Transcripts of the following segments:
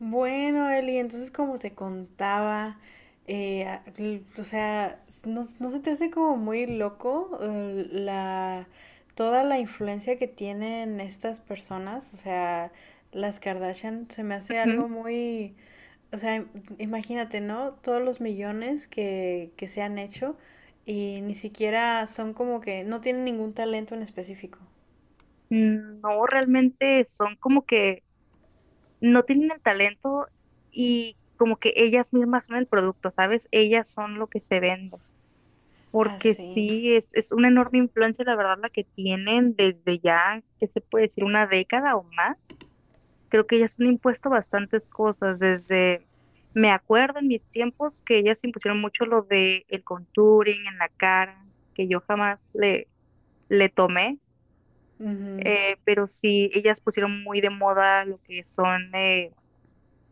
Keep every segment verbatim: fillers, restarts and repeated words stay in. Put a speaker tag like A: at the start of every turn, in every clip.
A: Bueno, Eli, entonces como te contaba, eh, a- l- o sea, s- ¿no, no se te hace como muy loco, eh, la, toda la influencia que tienen estas personas? O sea, las Kardashian se me hace
B: Ujú.
A: algo muy, o sea, im- imagínate, ¿no? Todos los millones que, que se han hecho y ni siquiera son como que no tienen ningún talento en específico.
B: Mm, No, realmente son como que no tienen el talento y como que ellas mismas son el producto, ¿sabes? Ellas son lo que se vende. Porque
A: Así.
B: sí, es, es una enorme influencia, la verdad, la que tienen desde ya, ¿qué se puede decir? Una década o más. Creo que ellas han impuesto bastantes cosas desde, me acuerdo en mis tiempos que ellas impusieron mucho lo de el contouring en la cara, que yo jamás le, le tomé eh, pero sí, ellas pusieron muy de moda lo que son, eh,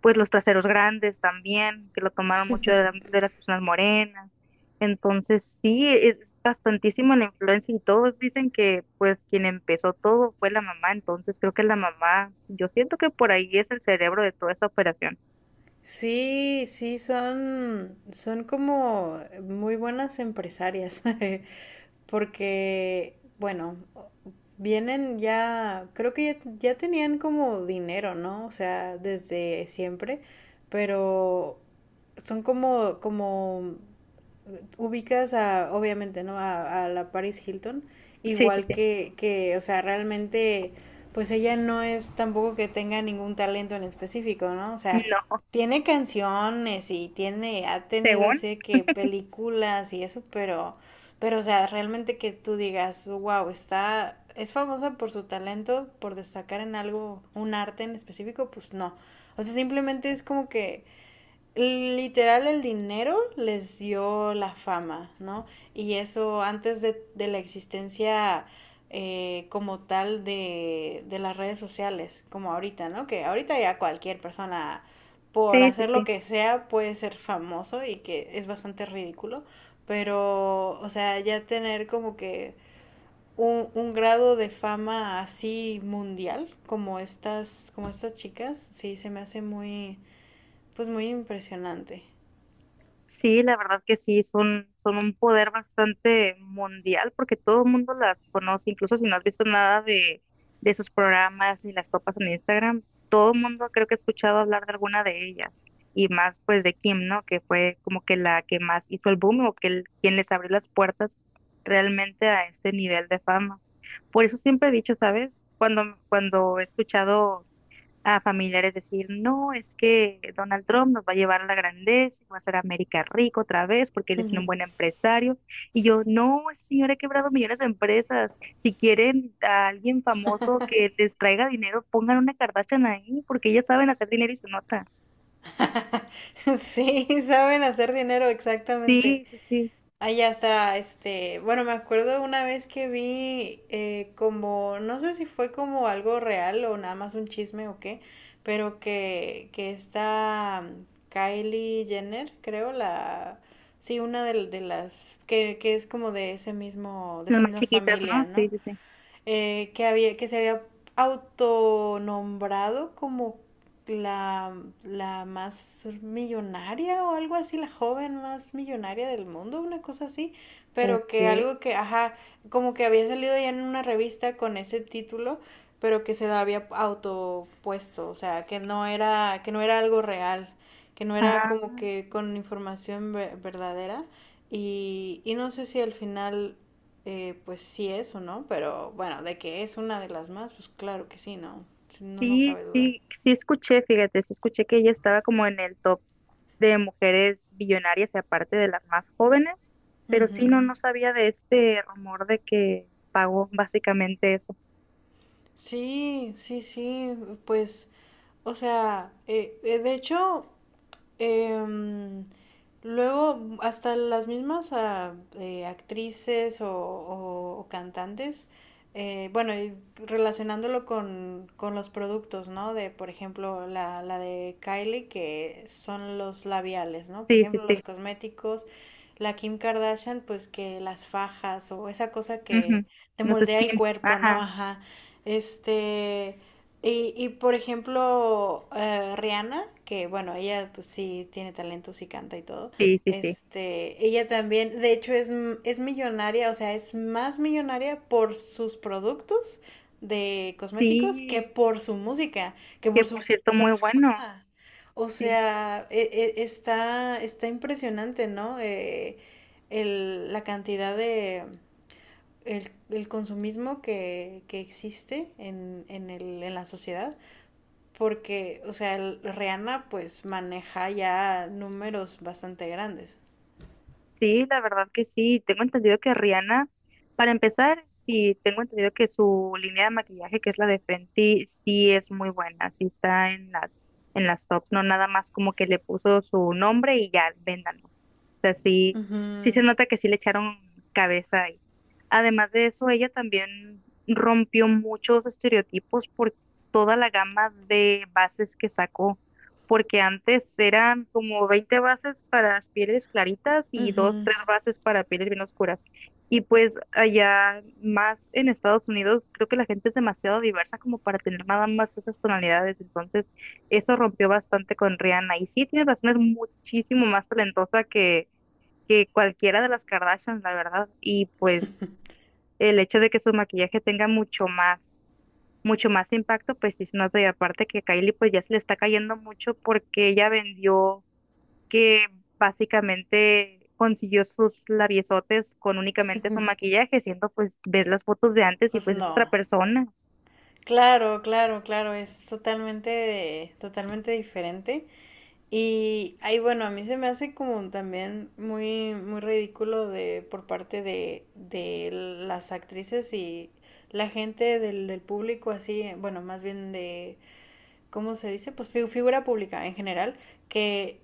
B: pues los traseros grandes también, que lo tomaron mucho de, la- de las personas morenas. Entonces sí, es bastantísima la influencia y todos dicen que pues quien empezó todo fue la mamá, entonces creo que la mamá, yo siento que por ahí es el cerebro de toda esa operación.
A: Sí, sí, son, son como muy buenas empresarias, porque, bueno, vienen ya, creo que ya, ya tenían como dinero, ¿no? O sea, desde siempre, pero son como, como ubicas a, obviamente, ¿no? A, a la Paris Hilton,
B: Sí, sí,
A: igual
B: sí.
A: que, que, o sea, realmente, pues ella no es tampoco que tenga ningún talento en específico, ¿no? O sea,
B: No,
A: tiene canciones y tiene, ha tenido,
B: según.
A: sé que películas y eso, pero, pero, o sea, realmente que tú digas, wow, está, es famosa por su talento, por destacar en algo, un arte en específico, pues no. O sea, simplemente es como que literal, el dinero les dio la fama, ¿no? Y eso antes de, de la existencia, eh, como tal de, de las redes sociales, como ahorita, ¿no? Que ahorita ya cualquier persona, por
B: Sí, sí,
A: hacer lo
B: sí.
A: que sea, puede ser famoso y que es bastante ridículo, pero, o sea, ya tener como que un, un grado de fama así mundial, como estas, como estas chicas, sí, se me hace muy, pues muy impresionante.
B: Sí, la verdad que sí, son, son un poder bastante mundial porque todo el mundo las conoce, incluso si no has visto nada de, de sus programas ni las topas en Instagram, todo el mundo creo que ha escuchado hablar de alguna de ellas y más pues de Kim, ¿no? Que fue como que la que más hizo el boom o que el- quien les abrió las puertas realmente a este nivel de fama. Por eso siempre he dicho, ¿sabes? Cuando, cuando he escuchado a familiares decir, no, es que Donald Trump nos va a llevar a la grandeza, va a hacer a América rico otra vez porque él es
A: Ujú.
B: un buen empresario. Y yo, no, ese señor, ha quebrado millones de empresas. Si quieren a alguien famoso que les traiga dinero, pongan una Kardashian ahí porque ellas saben hacer dinero y se nota.
A: Sí, saben hacer dinero, exactamente.
B: Sí, sí, sí.
A: Allá está, este, bueno, me acuerdo una vez que vi, eh, como, no sé si fue como algo real o nada más un chisme o qué, pero que, que esta, mm, Kylie Jenner, creo, la, sí, una de, de las, que, que es como de ese mismo, de
B: Las
A: esa
B: más
A: misma
B: chiquitas, ¿no?
A: familia, ¿no?
B: Sí, sí, sí.
A: Eh, que había, que se había autonombrado como la, la más millonaria o algo así, la joven más millonaria del mundo, una cosa así, pero
B: Ok.
A: que algo que, ajá, como que había salido ya en una revista con ese título, pero que se lo había autopuesto, o sea, que no era, que no era algo real, que no era
B: Ah.
A: como que con información ve- verdadera. Y, y no sé si al final, eh, pues sí eso, ¿no? Pero bueno, de que es una de las más, pues claro que sí, ¿no? Sí. No, no
B: Sí,
A: cabe duda.
B: sí, sí escuché, fíjate, sí escuché que ella estaba como en el top de mujeres billonarias y aparte de las más jóvenes, pero sí, no,
A: Ujú.
B: no sabía de este rumor de que pagó básicamente eso.
A: Sí, sí, sí, pues, o sea, eh, eh, de hecho, Em, luego, hasta las mismas, ah, eh, actrices o, o- o cantantes, eh, bueno, y relacionándolo con, con los productos, ¿no? De, por ejemplo, la, la de Kylie, que son los labiales, ¿no? Por
B: Sí, sí,
A: ejemplo, los
B: sí.
A: cosméticos, la Kim Kardashian, pues que las fajas o esa cosa que
B: Ujú.
A: te
B: Los
A: moldea el
B: skins,
A: cuerpo, ¿no?
B: ajá,
A: Ajá. Este. Y, y por ejemplo, eh, Rihanna, que bueno, ella pues sí tiene talento, sí canta y todo.
B: sí, sí, sí.
A: Este, ella también, de hecho, es, m- es millonaria, o sea, es más millonaria por sus productos de cosméticos que
B: Sí,
A: por su música, que por
B: que por
A: su...
B: cierto, muy bueno.
A: Ajá. O
B: Sí.
A: sea, e- e- está, está impresionante, ¿no? Eh, el- la cantidad de... El, el consumismo que, que existe en, en el- en la sociedad. Porque, o sea, el- Rihanna pues maneja ya números bastante grandes.
B: Sí, la verdad que sí. Tengo entendido que Rihanna, para empezar, sí, tengo entendido que su línea de maquillaje, que es la de Fenty, sí es muy buena, sí está en las, en las tops, no nada más como que le puso su nombre y ya, véndanlo. O sea, sí,
A: Ujú,
B: sí se nota que sí le echaron cabeza ahí. Además de eso, ella también rompió muchos estereotipos por toda la gama de bases que sacó porque antes eran como veinte bases para pieles claritas y dos,
A: ujú.
B: tres bases para pieles bien oscuras. Y pues allá más en Estados Unidos, creo que la gente es demasiado diversa como para tener nada más esas tonalidades. Entonces, eso rompió bastante con Rihanna. Y sí, tiene razón, es muchísimo más talentosa que, que cualquiera de las Kardashians, la verdad. Y pues el hecho de que su maquillaje tenga mucho más mucho más impacto, pues sí se nota. Y aparte que Kylie pues ya se le está cayendo mucho porque ella vendió que básicamente consiguió sus labiosotes con únicamente su maquillaje, siendo pues ves las fotos de antes y
A: Pues
B: pues es otra
A: no.
B: persona.
A: Claro, claro, claro, es totalmente, totalmente diferente. Y ahí, bueno, a mí se me hace como también muy, muy ridículo de, por parte de, de las actrices y la gente del, del público así, bueno, más bien de, ¿cómo se dice? Pues figura pública en general, que,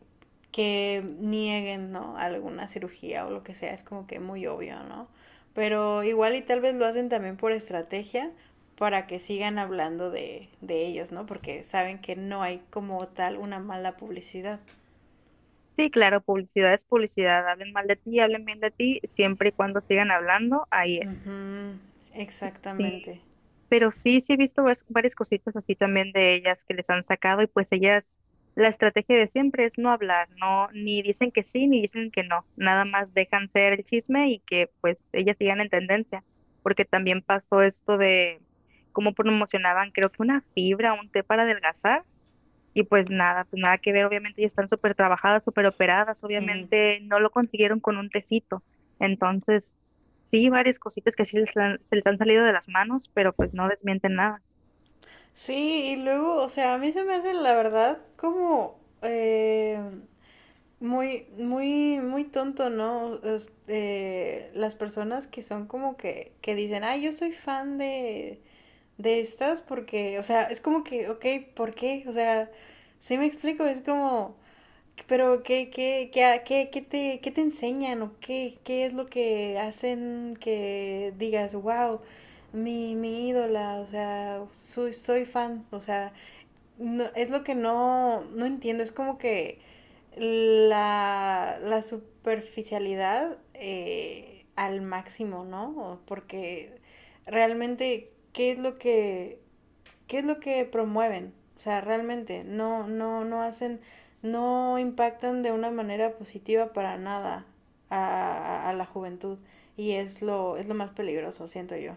A: que nieguen, ¿no? Alguna cirugía o lo que sea, es como que muy obvio, ¿no? Pero igual y tal vez lo hacen también por estrategia para que sigan hablando de, de ellos, ¿no? Porque saben que no hay como tal una mala publicidad.
B: Sí, claro, publicidad es publicidad, hablen mal de ti, hablen bien de ti, siempre y cuando sigan hablando, ahí es.
A: Ujú,
B: Sí,
A: exactamente.
B: pero sí, sí he visto vas- varias cositas así también de ellas que les han sacado y pues ellas, la estrategia de siempre es no hablar, no, ni dicen que sí, ni dicen que no, nada más dejan ser el chisme y que pues ellas sigan en tendencia, porque también pasó esto de cómo promocionaban, creo que una fibra, un té para adelgazar y pues nada, pues nada que ver, obviamente ya están súper trabajadas, súper operadas,
A: Ujú.
B: obviamente no lo consiguieron con un tecito. Entonces, sí, varias cositas que sí les han- se les han salido de las manos, pero pues no desmienten nada.
A: Sí, y luego, o sea, a mí se me hace la verdad como, eh, muy, muy, muy tonto, ¿no? Es- eh, las personas que son como que, que dicen, ay, yo soy fan de, de estas porque, o sea, es como que, ok, ¿por qué? O sea, sí me explico, es como, pero ¿qué, qué, qué, a- qué, qué te, qué te enseñan o qué, qué es lo que hacen que digas, wow, mi, mi ídola, o sea, soy, soy fan, o sea, no, es lo que no, no entiendo, es como que la, la superficialidad, eh, al máximo, ¿no? Porque realmente, ¿qué es lo que, qué es lo que promueven? O sea, realmente, no, no, no hacen, no impactan de una manera positiva para nada a, a la juventud. Y es lo, es lo más peligroso, siento yo.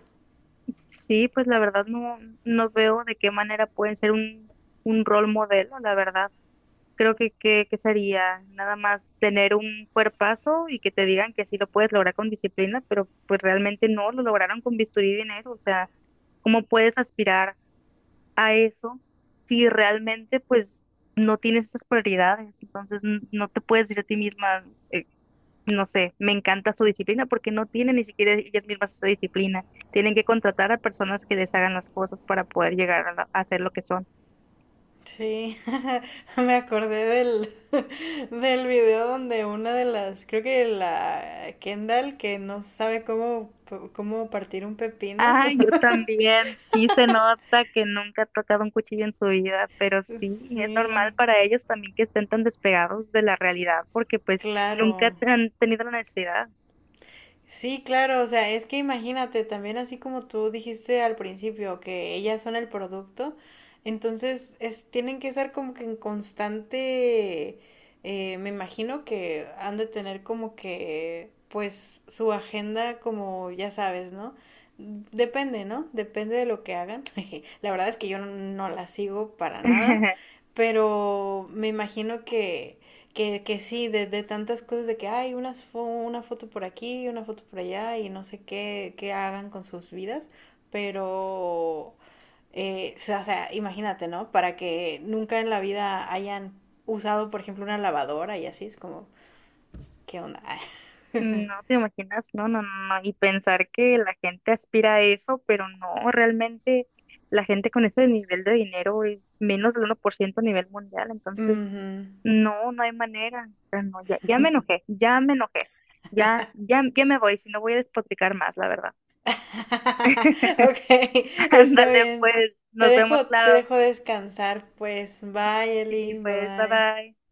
B: Sí, pues la verdad no, no veo de qué manera pueden ser un, un rol modelo, la verdad. Creo que, que, que sería nada más tener un cuerpazo y que te digan que sí lo puedes lograr con disciplina, pero pues realmente no lo lograron con bisturí y dinero, o sea. ¿Cómo puedes aspirar a eso si realmente pues no tienes esas prioridades? Entonces n- no te puedes decir a ti misma, eh, no sé, me encanta su disciplina porque no tienen ni siquiera ellas mismas esa disciplina. Tienen que contratar a personas que les hagan las cosas para poder llegar a, la- a hacer lo que son.
A: Sí, me acordé del, del video donde una de las, creo que la Kendall que no sabe cómo, cómo partir un pepino.
B: Ah, yo también. Sí se nota que nunca ha tocado un cuchillo en su vida, pero sí, es normal
A: Sí,
B: para ellos también que estén tan despegados de la realidad porque pues nunca
A: claro.
B: han tenido la necesidad.
A: Sí, claro, o sea, es que imagínate, también así como tú dijiste al principio, que ellas son el producto, entonces es, tienen que estar como que en constante, eh, me imagino que han de tener como que, pues, su agenda como, ya sabes, ¿no? Depende, ¿no? Depende de lo que hagan. La verdad es que yo no, no la sigo para nada, pero me imagino que que, que sí, de, de tantas cosas de que hay unas fo- una foto por aquí, una foto por allá y no sé qué, qué hagan con sus vidas, pero, eh, o sea, o sea, imagínate, ¿no? Para que nunca en la vida hayan usado, por ejemplo, una lavadora y así, es como, ¿qué onda?
B: No te imaginas, no, no, no, no. Y pensar que la gente aspira a eso, pero no, realmente la gente con ese nivel de dinero es menos del uno por ciento a nivel mundial, entonces
A: Ujú.
B: no, no hay manera. O sea, no, ya, ya me enojé, ya me enojé, ya, ya, ya me voy, si no voy a despotricar más, la verdad.
A: Ok, está
B: Ándale,
A: bien.
B: pues,
A: Te
B: nos
A: dejo,
B: vemos,
A: te
B: claro.
A: dejo descansar, pues. Bye,
B: Sí,
A: Eli. Bye
B: pues, bye
A: bye.
B: bye.